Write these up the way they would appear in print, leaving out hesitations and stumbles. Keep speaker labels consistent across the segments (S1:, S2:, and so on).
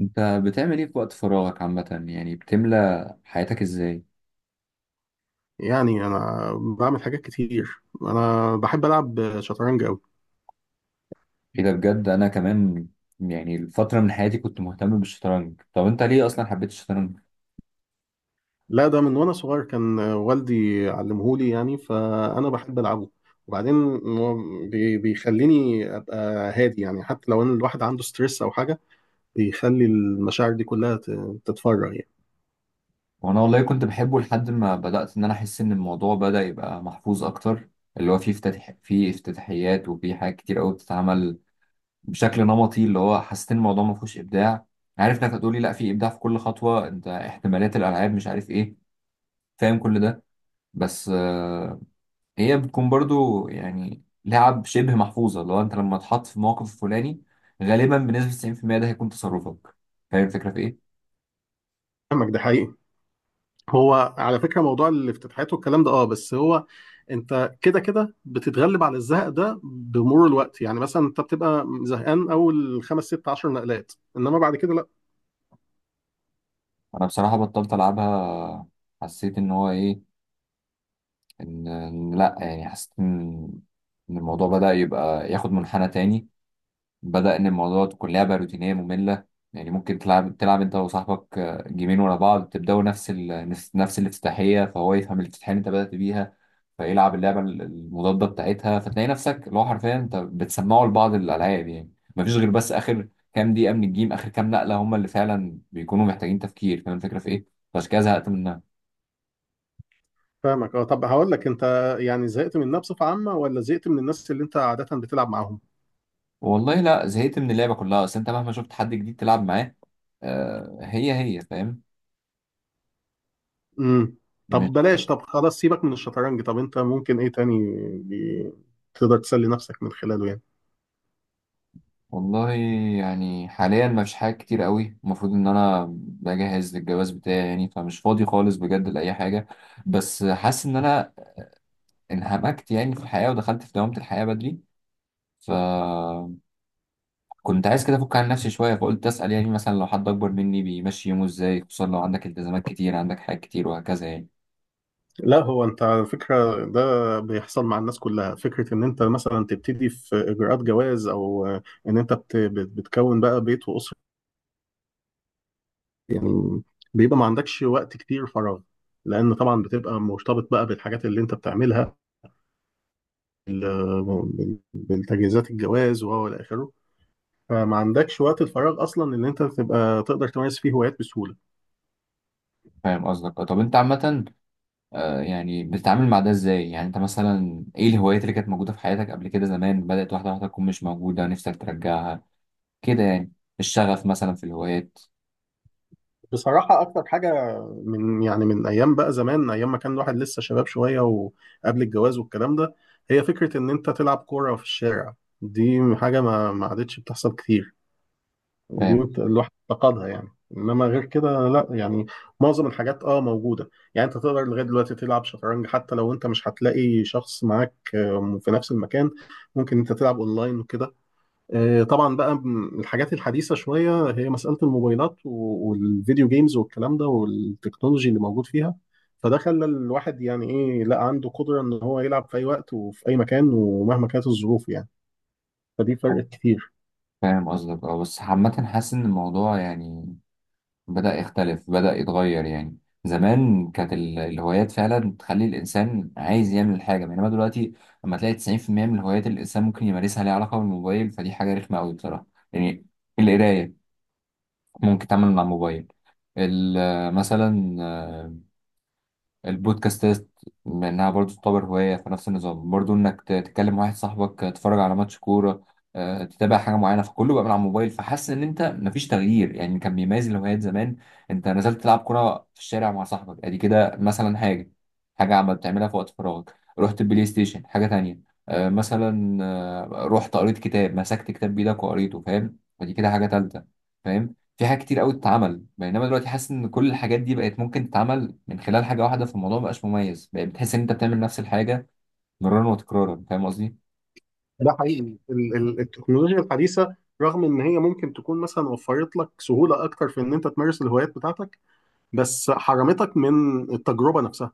S1: انت بتعمل ايه في وقت فراغك عامة، يعني بتملى حياتك ازاي؟
S2: يعني انا بعمل حاجات كتير، انا بحب العب شطرنج قوي.
S1: ايه ده بجد؟ انا كمان، يعني الفترة من حياتي كنت مهتم بالشطرنج. طب انت ليه اصلا حبيت الشطرنج؟
S2: لا، ده من وانا صغير كان والدي علمهولي، يعني فانا بحب العبه. وبعدين هو بيخليني ابقى هادي، يعني حتى لو ان الواحد عنده ستريس او حاجه، بيخلي المشاعر دي كلها تتفرغ يعني.
S1: وانا والله كنت بحبه لحد ما بدأت ان انا احس ان الموضوع بدأ يبقى محفوظ اكتر، اللي هو فيه فيه افتتاحيات وفيه حاجات كتير قوي بتتعمل بشكل نمطي. اللي هو حسيت ان الموضوع ما فيهوش ابداع. عارف انك هتقولي لا، في ابداع في كل خطوة، انت احتمالات الالعاب مش عارف ايه، فاهم كل ده. بس هي بتكون برضو يعني لعب شبه محفوظة، لو انت لما تحط في موقف الفلاني غالبا بنسبة 90% ده هيكون تصرفك. فاهم الفكرة في ايه؟
S2: فاهمك، ده حقيقي. هو على فكره موضوع الافتتاحات والكلام ده، بس انت كده كده بتتغلب على الزهق ده بمرور الوقت. يعني مثلا انت بتبقى زهقان اول خمس ست عشر نقلات، انما بعد كده.
S1: انا بصراحة بطلت العبها. حسيت ان هو ايه، إن لا، يعني حسيت إن الموضوع بدأ يبقى ياخد منحنى تاني. بدأ إن الموضوع تكون لعبة روتينية مملة. يعني ممكن تلعب أنت وصاحبك، آه، جيمين ورا بعض، تبدأوا نفس ال... نفس نفس الافتتاحية، فهو يفهم الافتتاحية اللي أنت بدأت بيها فيلعب اللعبة المضادة بتاعتها، فتلاقي نفسك اللي هو حرفيا أنت بتسمعه لبعض الألعاب. يعني مفيش غير بس آخر كام دقيقة من الجيم، آخر كام نقلة هم اللي فعلا بيكونوا محتاجين تفكير. فاهم الفكرة في إيه؟ فعشان كده زهقت منها.
S2: فاهمك، اه طب هقول لك انت، يعني زهقت منها بصفة عامة ولا زهقت من الناس اللي انت عادة بتلعب معاهم؟
S1: والله لا، زهقت من اللعبة كلها، أصل أنت مهما شفت حد جديد تلعب معاه، آه، هي هي، فاهم.
S2: امم طب بلاش، طب خلاص سيبك من الشطرنج. طب انت ممكن ايه تاني بي... تقدر تسلي نفسك من خلاله يعني؟
S1: والله يعني حاليا مفيش حاجة كتير قوي، المفروض ان انا بجهز للجواز بتاعي، يعني فمش فاضي خالص بجد لأي حاجة. بس حاسس ان انا انهمكت يعني في الحياة ودخلت في دوامة الحياة بدري، فكنت عايز كده افك عن نفسي شوية، فقلت اسأل، يعني مثلا لو حد اكبر مني بيمشي يومه ازاي، خصوصا لو عندك التزامات كتير، عندك حاجات كتير وهكذا يعني.
S2: لا هو انت على فكرة ده بيحصل مع الناس كلها، فكرة ان انت مثلا تبتدي في اجراءات جواز، او ان انت بتكون بقى بيت واسرة. يعني بيبقى ما عندكش وقت كتير فراغ، لان طبعا بتبقى مرتبط بقى بالحاجات اللي انت بتعملها، بالتجهيزات الجواز وهو الى اخره. فما عندكش وقت الفراغ اصلا ان انت تبقى تقدر تمارس فيه هوايات بسهوله.
S1: فاهم قصدك. طب انت عامة، آه، يعني بتتعامل مع ده ازاي؟ يعني انت مثلا ايه الهوايات اللي كانت موجودة في حياتك قبل كده، زمان بدأت واحدة واحدة تكون مش موجودة، نفسك ترجعها كده يعني، الشغف مثلا في الهوايات.
S2: بصراحه اكتر حاجه من يعني من ايام بقى زمان، ايام ما كان الواحد لسه شباب شويه وقبل الجواز والكلام ده، هي فكره ان انت تلعب كوره في الشارع. دي حاجه ما عادتش بتحصل كتير، دي
S1: فاهم.
S2: الواحد افتقدها يعني. انما غير كده لا، يعني معظم الحاجات اه موجوده. يعني انت تقدر لغايه دلوقتي تلعب شطرنج حتى لو انت مش هتلاقي شخص معاك آه، في نفس المكان. ممكن انت تلعب اونلاين وكده. آه، طبعا بقى الحاجات الحديثه شويه، هي مساله الموبايلات والفيديو جيمز والكلام ده والتكنولوجي اللي موجود فيها. فده خلى الواحد يعني ايه، لا عنده قدره ان هو يلعب في اي وقت وفي اي مكان ومهما كانت الظروف يعني. فدي فرقت كتير.
S1: فاهم قصدك. اه، بس عامة حاسس إن الموضوع يعني بدأ يختلف، بدأ يتغير يعني. زمان كانت الهوايات فعلا تخلي الإنسان عايز يعمل حاجة، بينما دلوقتي لما تلاقي 90% من الهوايات اللي الإنسان ممكن يمارسها ليها علاقة بالموبايل، فدي حاجة رخمة أوي بصراحة. يعني القراية ممكن تعمل من على الموبايل، مثلا البودكاستات انها برضو تعتبر هواية في نفس النظام، برضو انك تكلم واحد صاحبك، تتفرج على ماتش كورة، آه، تتابع حاجة معينة، فكله بقى من على الموبايل. فحاسس ان انت مفيش تغيير يعني كان بيميز الهوايات زمان. انت نزلت تلعب كورة في الشارع مع صاحبك، ادي كده مثلا حاجة عم بتعملها في وقت فراغك، رحت البلاي ستيشن، حاجة تانية، آه، مثلا، آه، رحت قريت كتاب، مسكت كتاب بإيدك وقريته، فاهم، ودي كده حاجة تالتة، فاهم. في حاجات كتير قوي تتعمل، بينما دلوقتي حاسس ان كل الحاجات دي بقت ممكن تتعمل من خلال حاجه واحده، فالموضوع مبقاش مميز، بقى بتحس ان انت بتعمل نفس الحاجه مرارا وتكرارا، فاهم قصدي.
S2: ده حقيقي، التكنولوجيا الحديثة رغم ان هي ممكن تكون مثلا وفرت لك سهولة اكتر في ان انت تمارس الهوايات بتاعتك، بس حرمتك من التجربة نفسها.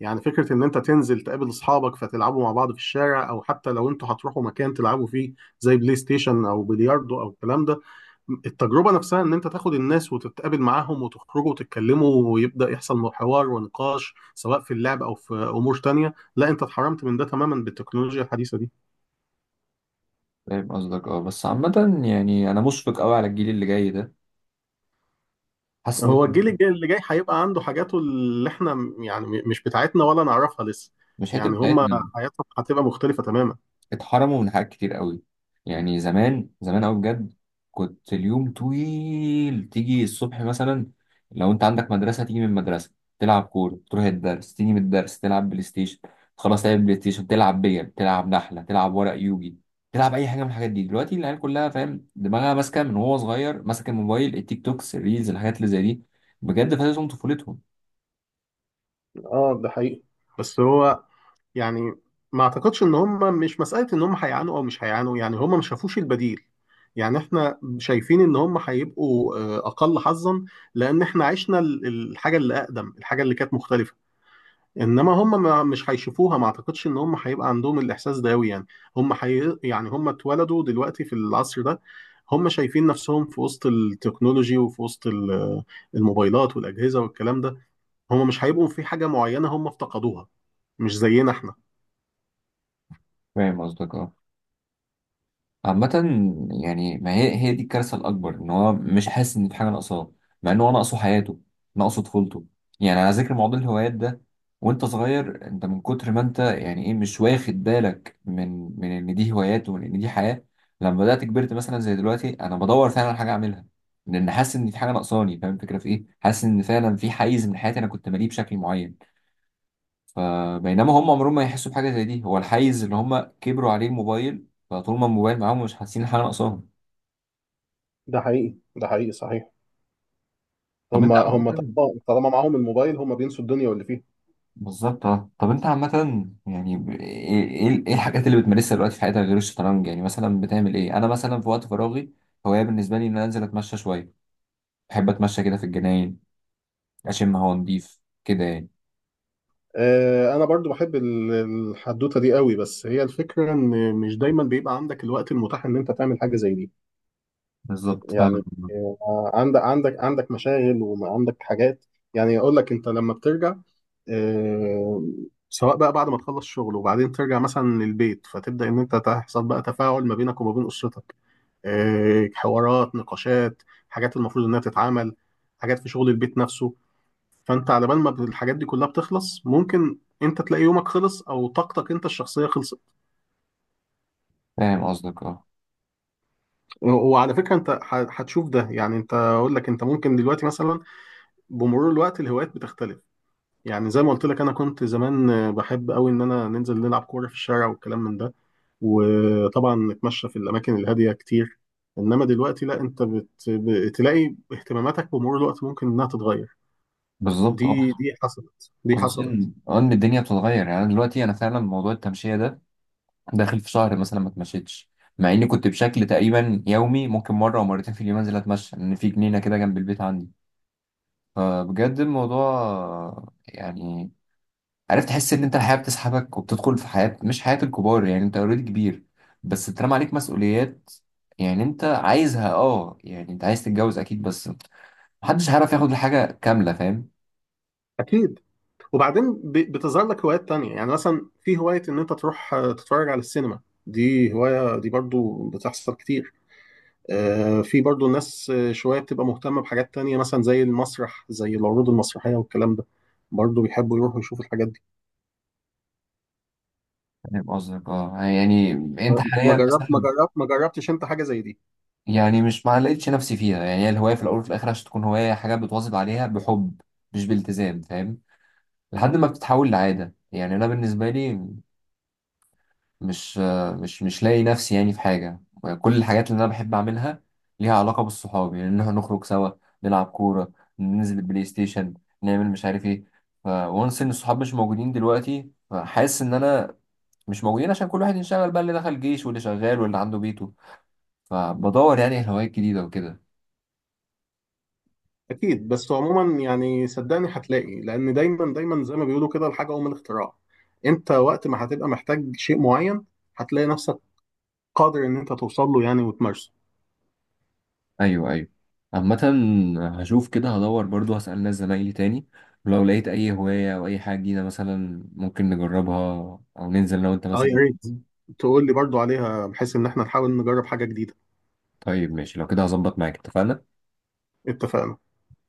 S2: يعني فكرة ان انت تنزل تقابل اصحابك فتلعبوا مع بعض في الشارع، او حتى لو انتوا هتروحوا مكان تلعبوا فيه زي بلاي ستيشن او بلياردو او الكلام ده. التجربة نفسها ان انت تاخد الناس وتتقابل معاهم وتخرجوا وتتكلموا ويبدأ يحصل حوار ونقاش سواء في اللعب او في امور تانية، لا انت اتحرمت من ده تماما بالتكنولوجيا الحديثة دي.
S1: فاهم قصدك. اه، بس عامه يعني انا مشفق قوي على الجيل اللي جاي ده، حاسس ان
S2: هو
S1: هم
S2: اللي جاي هيبقى عنده حاجاته اللي احنا مش بتاعتنا ولا نعرفها لسه.
S1: مش حته
S2: يعني هما
S1: بتاعتنا،
S2: حياتهم هتبقى مختلفة تماما.
S1: اتحرموا من حاجات كتير قوي. يعني زمان زمان قوي بجد، كنت اليوم طويل، تيجي الصبح مثلا، لو انت عندك مدرسة تيجي من المدرسة تلعب كورة، تروح الدرس تيجي من الدرس تلعب بلاي ستيشن، خلاص تلعب بلاي ستيشن، تلعب بيل، تلعب نحلة، تلعب ورق يوجي، تلعب اي حاجة من الحاجات دي. دلوقتي العيال كلها فاهم دماغها ماسكة من وهو صغير ماسك الموبايل، التيك توكس، الريلز، الحاجات اللي زي دي، بجد فاتتهم طفولتهم.
S2: اه ده حقيقي، بس هو يعني ما اعتقدش ان هما، مش مسألة ان هما هيعانوا او مش هيعانوا، يعني هما ما شافوش البديل. يعني احنا شايفين ان هما هيبقوا آه، اقل حظا، لان احنا عشنا الحاجة اللي اقدم، الحاجة اللي كانت مختلفة. انما هم ما مش هيشوفوها، ما اعتقدش ان هم هيبقى عندهم الاحساس ده قوي يعني. هم يعني هم اتولدوا دلوقتي في العصر ده. هم شايفين نفسهم في وسط التكنولوجي وفي وسط الموبايلات والاجهزه والكلام ده. هم مش هيبقوا في حاجه معينه هم افتقدوها، مش زينا احنا.
S1: فاهم قصدك. اه، عامة يعني ما هي، هي دي الكارثة الأكبر، إن هو مش حاسس إن في حاجة ناقصاه، مع إن هو ناقصه حياته، ناقصه طفولته. يعني على ذكر موضوع الهوايات ده، وأنت صغير أنت من كتر ما أنت يعني إيه، مش واخد بالك من إن دي هوايات ومن إن دي حياة. لما بدأت كبرت مثلا زي دلوقتي أنا بدور فعلا على حاجة أعملها، لأن حاسس إن في حاجة ناقصاني، فاهم الفكرة في إيه؟ حاسس إن فعلا في حيز من حياتي أنا كنت ماليه بشكل معين، فبينما هم عمرهم ما يحسوا بحاجه زي دي، هو الحيز اللي هم كبروا عليه الموبايل، فطول ما الموبايل معاهم مش حاسين حاجه ناقصاهم.
S2: ده حقيقي، ده حقيقي صحيح.
S1: طب
S2: هم
S1: انت
S2: هم
S1: عامه.
S2: طالما معاهم الموبايل هم بينسوا الدنيا واللي فيها.
S1: بالظبط. اه، طب انت عامه يعني ب- ايه ايه إيه الحاجات اللي بتمارسها دلوقتي في حياتك غير الشطرنج؟ يعني مثلا بتعمل ايه؟ انا مثلا في وقت فراغي هوايه بالنسبه لي ان انا انزل اتمشى شويه، بحب اتمشى كده في الجناين، اشم هوا نضيف كده يعني.
S2: آه، انا برضو بحب الحدوته دي قوي، بس هي الفكره ان مش دايما بيبقى عندك الوقت المتاح ان انت تعمل حاجه زي دي.
S1: بالظبط، فاهم.
S2: يعني آه، عندك مشاغل وعندك حاجات. يعني يقول لك انت لما بترجع آه، سواء بقى بعد ما تخلص شغل وبعدين ترجع مثلا للبيت، فتبدأ ان انت تحصل بقى تفاعل ما بينك وما بين اسرتك، آه، حوارات، نقاشات، حاجات المفروض انها تتعمل، حاجات في شغل البيت نفسه. فانت على بال ما الحاجات دي كلها بتخلص ممكن انت تلاقي يومك خلص او طاقتك انت الشخصيه خلصت.
S1: فاهم قصدك. اه،
S2: وعلى فكره انت هتشوف ده. يعني انت اقول لك انت ممكن دلوقتي مثلا بمرور الوقت الهوايات بتختلف. يعني زي ما قلت لك انا كنت زمان آه، بحب قوي ان انا ننزل نلعب كوره في الشارع والكلام من ده، وطبعا نتمشى في الاماكن الهاديه كتير. انما دلوقتي لا، انت بتلاقي اهتماماتك بمرور الوقت ممكن انها تتغير.
S1: بالظبط.
S2: دي
S1: اه،
S2: دي حصلت، دي
S1: خصوصا
S2: حصلت.
S1: ان الدنيا بتتغير، يعني أنا دلوقتي انا فعلا موضوع التمشيه ده داخل في شهر مثلا ما اتمشيتش، مع اني كنت بشكل تقريبا يومي ممكن مره او مرتين في اليوم انزل اتمشى، لان في جنينه كده جنب البيت عندي. فبجد الموضوع يعني، عرفت تحس ان انت الحياه بتسحبك وبتدخل في حياه مش حياه الكبار، يعني انت اوريدي كبير، بس اترمى عليك مسؤوليات، يعني انت عايزها، اه، يعني انت عايز تتجوز اكيد، بس محدش هيعرف ياخد الحاجه كامله، فاهم.
S2: اكيد، وبعدين بتظهر لك هوايات تانية. يعني مثلا في هوايه ان انت تروح آه، تتفرج على السينما، دي هوايه دي برضو بتحصل كتير. آه، في برضو ناس آه، شوية بتبقى مهتمة بحاجات تانية مثلا زي المسرح، زي العروض المسرحية والكلام ده، برضو بيحبوا يروحوا يشوفوا الحاجات دي.
S1: فاهم قصدك. اه، يعني انت
S2: آه،
S1: حاليا مثلا،
S2: ما جربتش انت حاجة زي دي؟
S1: يعني مش، ما لقيتش نفسي فيها، يعني هي الهواية في الأول وفي الآخر عشان تكون هواية حاجة بتواظب عليها بحب مش بالتزام، فاهم، لحد ما بتتحول لعادة. يعني أنا بالنسبة لي مش مش لاقي نفسي يعني في حاجة. كل الحاجات اللي أنا بحب أعملها ليها علاقة بالصحاب، يعني إن إحنا نخرج سوا نلعب كورة، ننزل البلاي ستيشن، نعمل مش عارف إيه. فونس إن الصحاب مش موجودين دلوقتي، فحاسس إن أنا مش موجودين عشان كل واحد انشغل بقى، اللي دخل جيش واللي شغال واللي عنده بيته، فبدور يعني هوايات جديدة وكده.
S2: اكيد، بس عموما يعني صدقني هتلاقي، لان دايما دايما زي ما بيقولوا كده، الحاجة ام الاختراع. انت وقت ما هتبقى محتاج شيء معين هتلاقي نفسك قادر ان انت توصل له يعني وتمارسه.
S1: ايوه، ايوه، عامة هشوف كده، هدور برضو هسأل ناس زمايلي تاني، ولو لقيت اي هواية او اي حاجة جديدة مثلا ممكن نجربها، او ننزل لو انت
S2: اه يا
S1: مثلا.
S2: ريت تقول لي برضو عليها بحيث ان احنا نحاول نجرب حاجة جديدة.
S1: طيب ماشي، لو كده هظبط معاك، اتفقنا.
S2: اتفقنا.